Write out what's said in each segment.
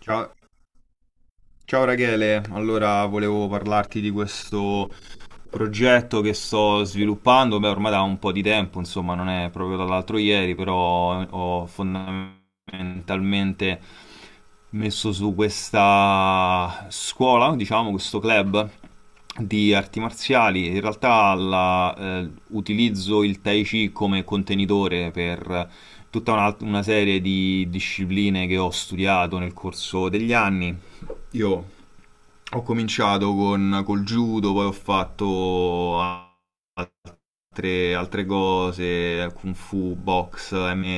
Ciao, ciao Rachele, allora volevo parlarti di questo progetto che sto sviluppando, beh ormai da un po' di tempo, insomma non è proprio dall'altro ieri, però ho fondamentalmente messo su questa scuola, diciamo questo club di arti marziali. In realtà utilizzo il Tai Chi come contenitore per tutta una serie di discipline che ho studiato nel corso degli anni. Io ho cominciato col judo, poi ho fatto altre cose, kung fu, box, MMA,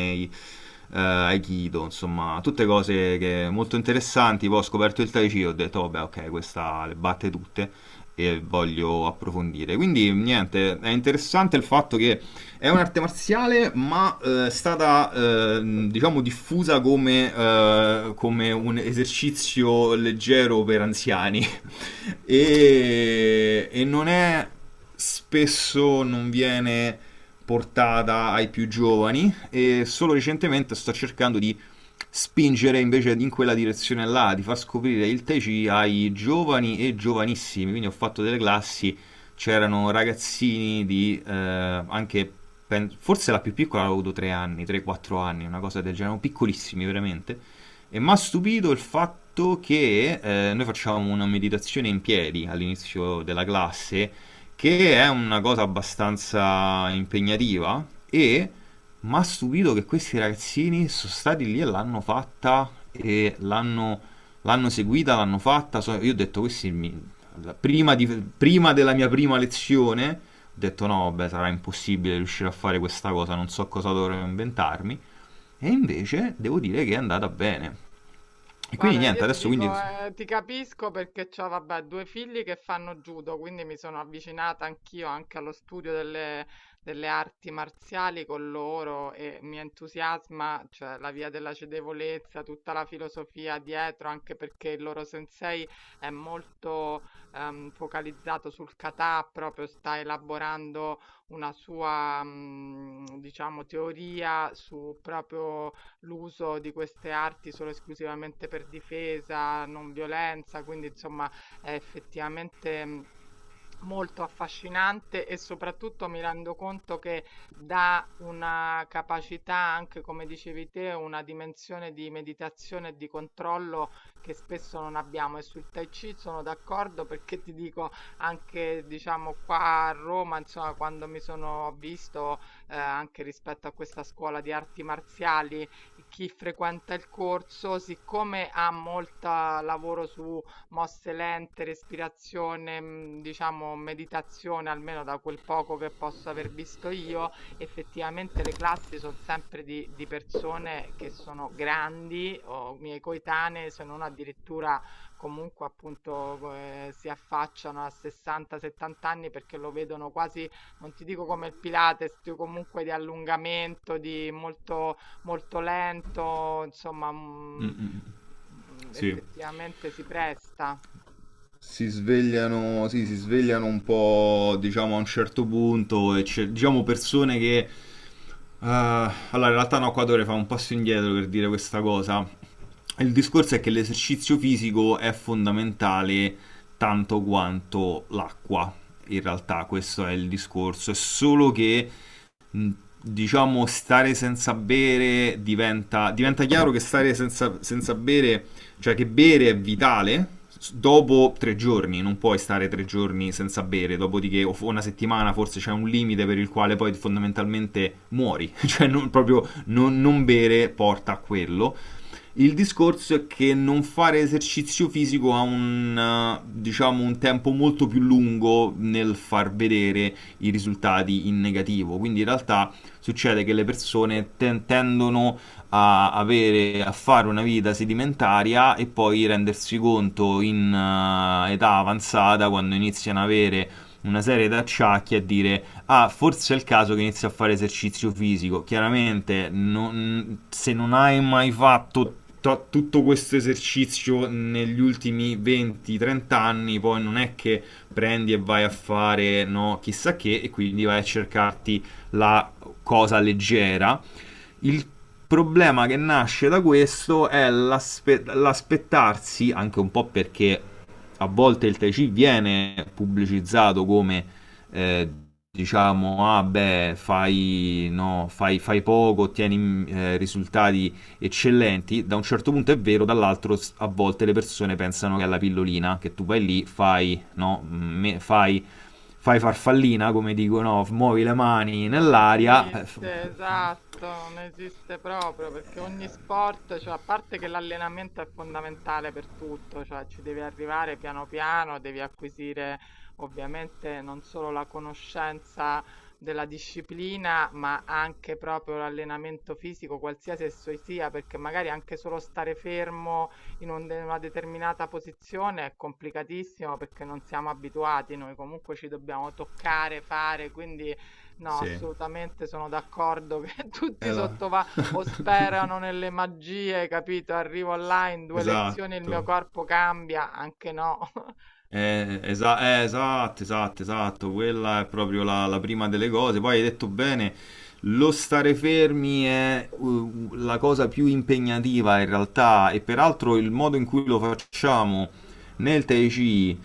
aikido, insomma, tutte molto interessanti. Poi ho scoperto il Tai Chi, ho detto, vabbè, ok, questa le batte tutte e voglio approfondire. Quindi, niente, è interessante il fatto che è un'arte marziale, ma è stata, diciamo, diffusa come un esercizio leggero per anziani. E non è spesso non viene portata ai più giovani e solo recentemente sto cercando di spingere invece in quella direzione là, di far scoprire il Tai Chi ai giovani e giovanissimi. Quindi ho fatto delle classi, c'erano ragazzini di anche forse la più piccola aveva avuto 3 anni, 3-4 anni, una cosa del genere, erano piccolissimi veramente. E mi ha stupito il fatto che noi facciamo una meditazione in piedi all'inizio della classe, che è una cosa abbastanza impegnativa, e mi ha stupito che questi ragazzini sono stati lì e l'hanno fatta e l'hanno seguita, l'hanno fatta. Io ho detto, questi mi- la- prima, di- prima della mia prima lezione, ho detto no, vabbè, sarà impossibile riuscire a fare questa cosa, non so cosa dovrò inventarmi. E invece devo dire che è andata bene. E quindi Guarda, io niente, ti adesso dico, quindi... ti capisco perché ho, vabbè, due figli che fanno judo, quindi mi sono avvicinata anch'io anche allo studio delle arti marziali con loro e mi entusiasma, cioè la via della cedevolezza, tutta la filosofia dietro, anche perché il loro sensei è molto focalizzato sul kata, proprio sta elaborando una sua, diciamo, teoria su proprio l'uso di queste arti solo esclusivamente per difesa, non violenza, quindi insomma è effettivamente molto affascinante e soprattutto mi rendo conto che dà una capacità anche, come dicevi te, una dimensione di meditazione e di controllo che spesso non abbiamo. E sul Tai Chi sono d'accordo perché ti dico anche, diciamo, qua a Roma, insomma, quando mi sono visto anche rispetto a questa scuola di arti marziali, chi frequenta il corso, siccome ha molta lavoro su mosse lente, respirazione, diciamo meditazione, almeno da quel poco che posso aver visto io, effettivamente le classi son sempre di persone che sono grandi o miei coetanee, se non addirittura comunque appunto co si affacciano a 60, 70 anni perché lo vedono quasi, non ti dico come il Pilates, più comunque di allungamento, di molto molto lento, insomma, Mm, mm, sì. effettivamente si presta. Si svegliano, sì, si svegliano un po', diciamo, a un certo punto e diciamo persone che... allora, in realtà no, qua dovrei fare un passo indietro per dire questa cosa. Il discorso è che l'esercizio fisico è fondamentale tanto quanto l'acqua. In realtà questo è il discorso, è solo che mh, diciamo, stare senza bere diventa... diventa chiaro che stare senza bere, cioè che bere è vitale. Dopo tre giorni, non puoi stare 3 giorni senza bere, dopodiché o una settimana forse c'è un limite per il quale poi fondamentalmente muori, cioè non, proprio non bere porta a quello. Il discorso è che non fare esercizio fisico ha diciamo, un tempo molto più lungo nel far vedere i risultati in negativo. Quindi in realtà succede che le persone tendono a fare una vita sedimentaria e poi rendersi conto in età avanzata, quando iniziano ad avere una serie di acciacchi, a dire ah, forse è il caso che inizi a fare esercizio fisico. Chiaramente, se non hai mai fatto tutto questo esercizio negli ultimi 20-30 anni, poi non è che prendi e vai a fare, no, chissà che, e quindi vai a cercarti la cosa leggera. Il problema che nasce da questo è l'aspettarsi, anche un po' perché a volte il Tai Chi viene pubblicizzato come eh, diciamo, ah beh, fai, no, fai poco, ottieni risultati eccellenti, da un certo punto è vero, dall'altro a volte le persone pensano che è la pillolina, che tu vai lì, fai, no, mm, me- fai farfallina, come dicono, muovi le mani Non nell'aria, esiste, esatto, non esiste proprio perché ogni sport, cioè a parte che l'allenamento è fondamentale per tutto, cioè ci devi arrivare piano piano, devi acquisire ovviamente non solo la conoscenza della disciplina, ma anche proprio l'allenamento fisico, qualsiasi esso sia, perché magari anche solo stare fermo in una determinata posizione è complicatissimo perché non siamo abituati, noi comunque ci dobbiamo toccare, fare, quindi. No, Sì. assolutamente sono d'accordo che tutti Là. sottovalutano o sperano nelle magie, capito? Arrivo online, due lezioni, il mio Esatto. corpo cambia, anche no. Esatto, esatto, esatto. Quella è proprio la prima delle cose. Poi hai detto bene, lo stare fermi è la cosa più impegnativa in realtà e peraltro il modo in cui lo facciamo nel Tai Chi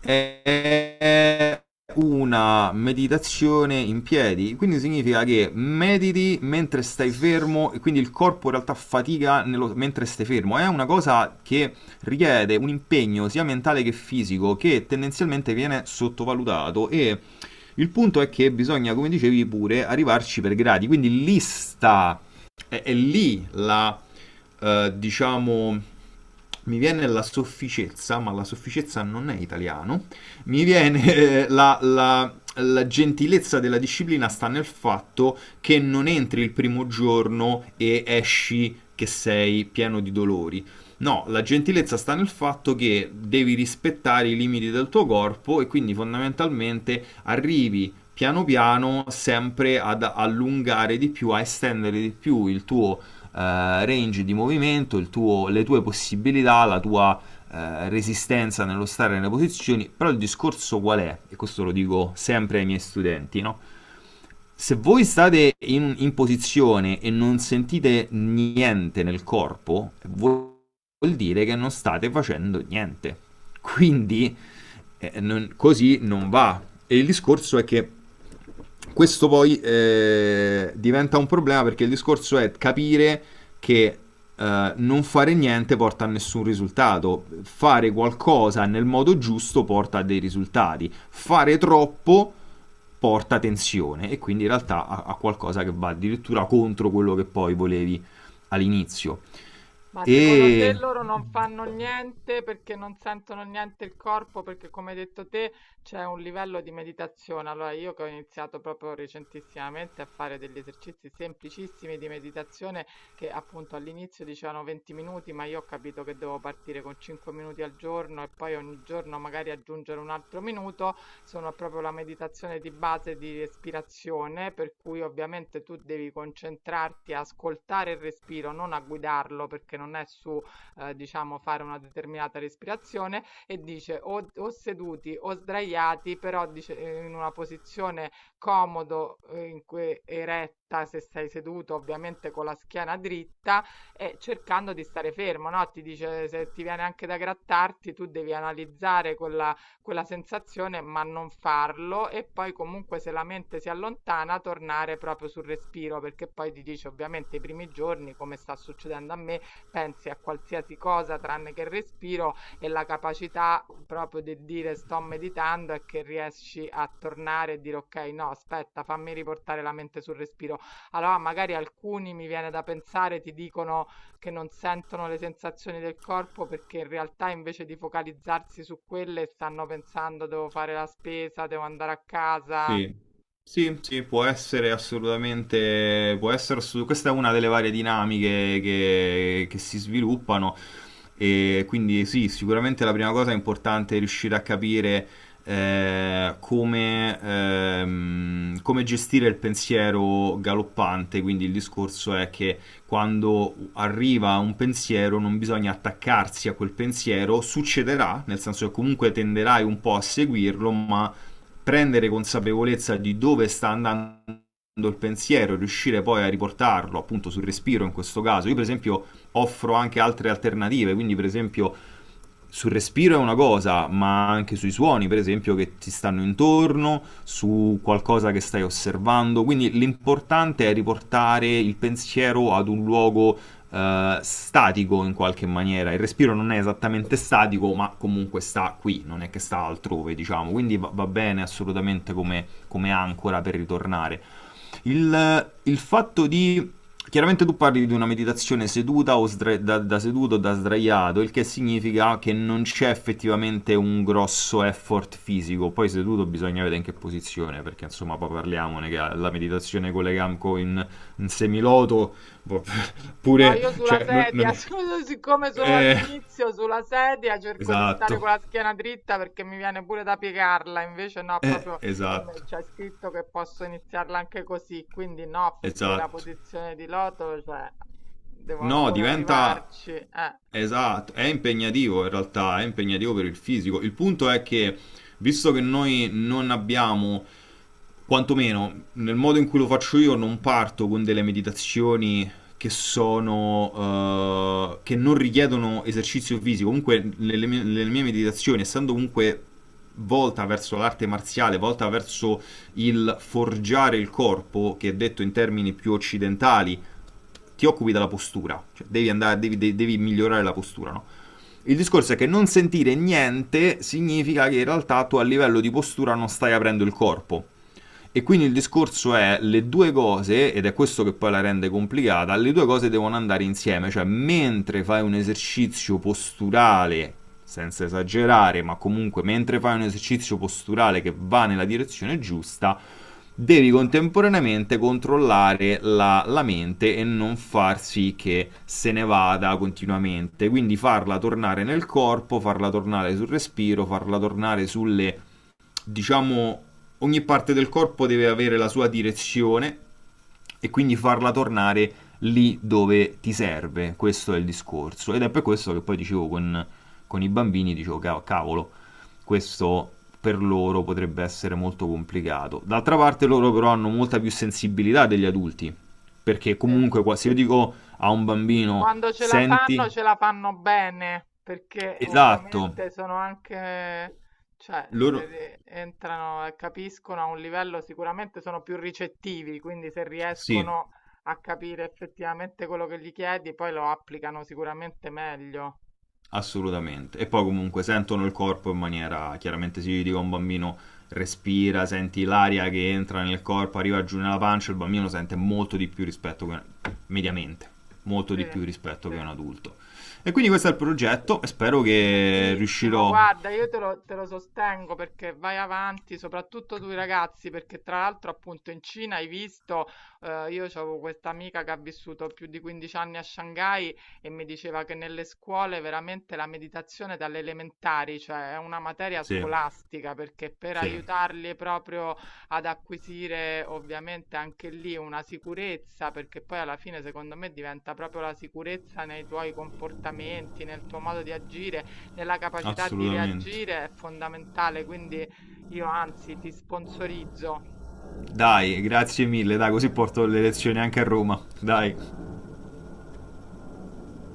è una meditazione in piedi, quindi significa che mediti mentre stai fermo e quindi il corpo in realtà fatica mentre stai fermo. È una cosa che richiede un impegno sia mentale che fisico che tendenzialmente viene sottovalutato, e il punto è che bisogna, come dicevi pure, arrivarci per gradi, quindi lista è lì diciamo, mi viene la sofficezza, ma la sofficezza non è italiano, mi viene la gentilezza della disciplina sta nel fatto che non entri il primo giorno e esci che sei pieno di dolori. No, la gentilezza sta nel fatto che devi rispettare i limiti del tuo corpo e quindi fondamentalmente arrivi piano piano sempre ad allungare di più, a estendere di più il tuo range di movimento, le tue possibilità, la tua resistenza nello stare nelle posizioni. Però il discorso qual è? E questo lo dico sempre ai miei studenti, no? Se voi state in posizione e non sentite niente nel corpo, voi vuol dire che non state facendo niente. Quindi così non va. E il discorso è che questo poi diventa un problema, perché il discorso è capire che non fare niente porta a nessun risultato, fare qualcosa nel modo giusto porta a dei risultati, fare troppo porta tensione e quindi in realtà a, a qualcosa che va addirittura contro quello che poi volevi all'inizio. Ma secondo te E loro non fanno niente perché non sentono niente il corpo? Perché come hai detto te c'è un livello di meditazione. Allora io che ho iniziato proprio recentissimamente a fare degli esercizi semplicissimi di meditazione che appunto all'inizio dicevano 20 minuti, ma io ho capito che devo partire con 5 minuti al giorno e poi ogni giorno magari aggiungere un altro minuto sono proprio la meditazione di base di respirazione, per cui ovviamente tu devi concentrarti a ascoltare il respiro, non a guidarlo, perché non è su, diciamo, fare una determinata respirazione, e dice o seduti o sdraiati, però dice in una posizione comodo, in cui eretta, se sei seduto ovviamente con la schiena dritta, e cercando di stare fermo, no? Ti dice se ti viene anche da grattarti, tu devi analizzare con la quella sensazione, ma non farlo e poi comunque se la mente si allontana tornare proprio sul respiro, perché poi ti dice ovviamente i primi giorni, come sta succedendo a me, pensi a qualsiasi cosa tranne che il respiro e la capacità proprio di dire sto meditando è che riesci a tornare e dire ok, no, aspetta, fammi riportare la mente sul respiro. Allora magari alcuni mi viene da pensare ti dicono che non sentono le sensazioni del corpo perché in realtà invece di focalizzarsi su quelle stanno pensando devo fare la spesa, devo andare a casa. Sì, sì, sì, può essere assolutamente, può essere questa è una delle varie dinamiche che si sviluppano, e quindi sì, sicuramente la prima cosa è importante riuscire a capire come gestire il pensiero galoppante. Quindi il discorso è che quando arriva un pensiero non bisogna attaccarsi a quel pensiero, succederà, nel senso che comunque tenderai un po' a seguirlo, ma prendere consapevolezza di dove sta andando il pensiero, riuscire poi a riportarlo appunto sul respiro in questo caso. Io per esempio offro anche altre alternative, quindi per esempio sul respiro è una cosa, ma anche sui suoni, per esempio, che ti stanno intorno, su qualcosa che stai osservando. Quindi l'importante è riportare il pensiero ad un luogo statico in qualche maniera. Il respiro non è esattamente statico, ma comunque sta qui, non è che sta altrove, diciamo. Quindi va, va bene assolutamente come, come ancora per ritornare. Il fatto di Chiaramente tu parli di una meditazione da seduto o da sdraiato, il che significa che non c'è effettivamente un grosso effort fisico. Poi seduto bisogna vedere in che posizione, perché insomma poi parliamone che la meditazione con le gambe in semiloto, boh, No, pure, io sulla cioè, non, non sedia, è... siccome sono Eh, all'inizio sulla sedia, cerco di stare esatto, con la schiena dritta perché mi viene pure da piegarla, invece no, proprio esatto, c'è scritto che posso iniziarla anche così, quindi no, perché la esatto. posizione di loto, cioè, devo No, ancora diventa... arrivarci. Esatto, è impegnativo in realtà, è impegnativo per il fisico. Il punto è che, visto che noi non abbiamo, quantomeno nel modo in cui lo faccio io, non parto con delle meditazioni che sono che non richiedono esercizio fisico. Comunque, nelle mie meditazioni, essendo comunque volta verso l'arte marziale, volta verso il forgiare il corpo, che detto in termini più occidentali ti occupi della postura, cioè devi, andare, devi, de- devi migliorare la postura. No? Il discorso è che non sentire niente significa che in realtà tu a livello di postura non stai aprendo il corpo. E quindi il discorso è le due cose, ed è questo che poi la rende complicata, le due cose devono andare insieme, cioè mentre fai un esercizio posturale, senza esagerare, ma comunque mentre fai un esercizio posturale che va nella direzione giusta, devi contemporaneamente controllare la mente e non far sì che se ne vada continuamente, quindi farla tornare nel corpo, farla tornare sul respiro, farla tornare sulle diciamo, ogni parte del corpo deve avere la sua direzione e quindi farla tornare lì dove ti serve. Questo è il discorso. Ed è per questo che poi dicevo con i bambini, dicevo, cavolo, questo per loro potrebbe essere molto complicato." D'altra parte loro però hanno molta più sensibilità degli adulti, perché Sì. comunque se io dico a un bambino, Quando senti, ce la fanno bene, perché esatto, ovviamente sono anche, cioè, loro... entrano e capiscono a un livello sicuramente sono più ricettivi, quindi se Sì, riescono a capire effettivamente quello che gli chiedi, poi lo applicano sicuramente meglio. assolutamente. E poi comunque sentono il corpo in maniera, chiaramente si dica un bambino respira, senti l'aria che entra nel corpo, arriva giù nella pancia, il bambino sente molto di più rispetto che mediamente, molto Sì, di più rispetto sì. che un adulto. E quindi questo è il progetto e spero che Bellissimo, riuscirò. guarda, io te lo sostengo perché vai avanti, soprattutto tu ragazzi, perché tra l'altro appunto in Cina hai visto, io avevo questa amica che ha vissuto più di 15 anni a Shanghai e mi diceva che nelle scuole veramente la meditazione dalle elementari, cioè è una materia Sì, scolastica, perché per sì, aiutarli proprio ad acquisire ovviamente anche lì una sicurezza, perché poi alla fine secondo me diventa proprio la sicurezza nei tuoi comportamenti, nel tuo modo di agire nella capacità di assolutamente. reagire è fondamentale, quindi io anzi ti sponsorizzo Dai, grazie mille, dai, così porto le lezioni anche a Roma. Dai.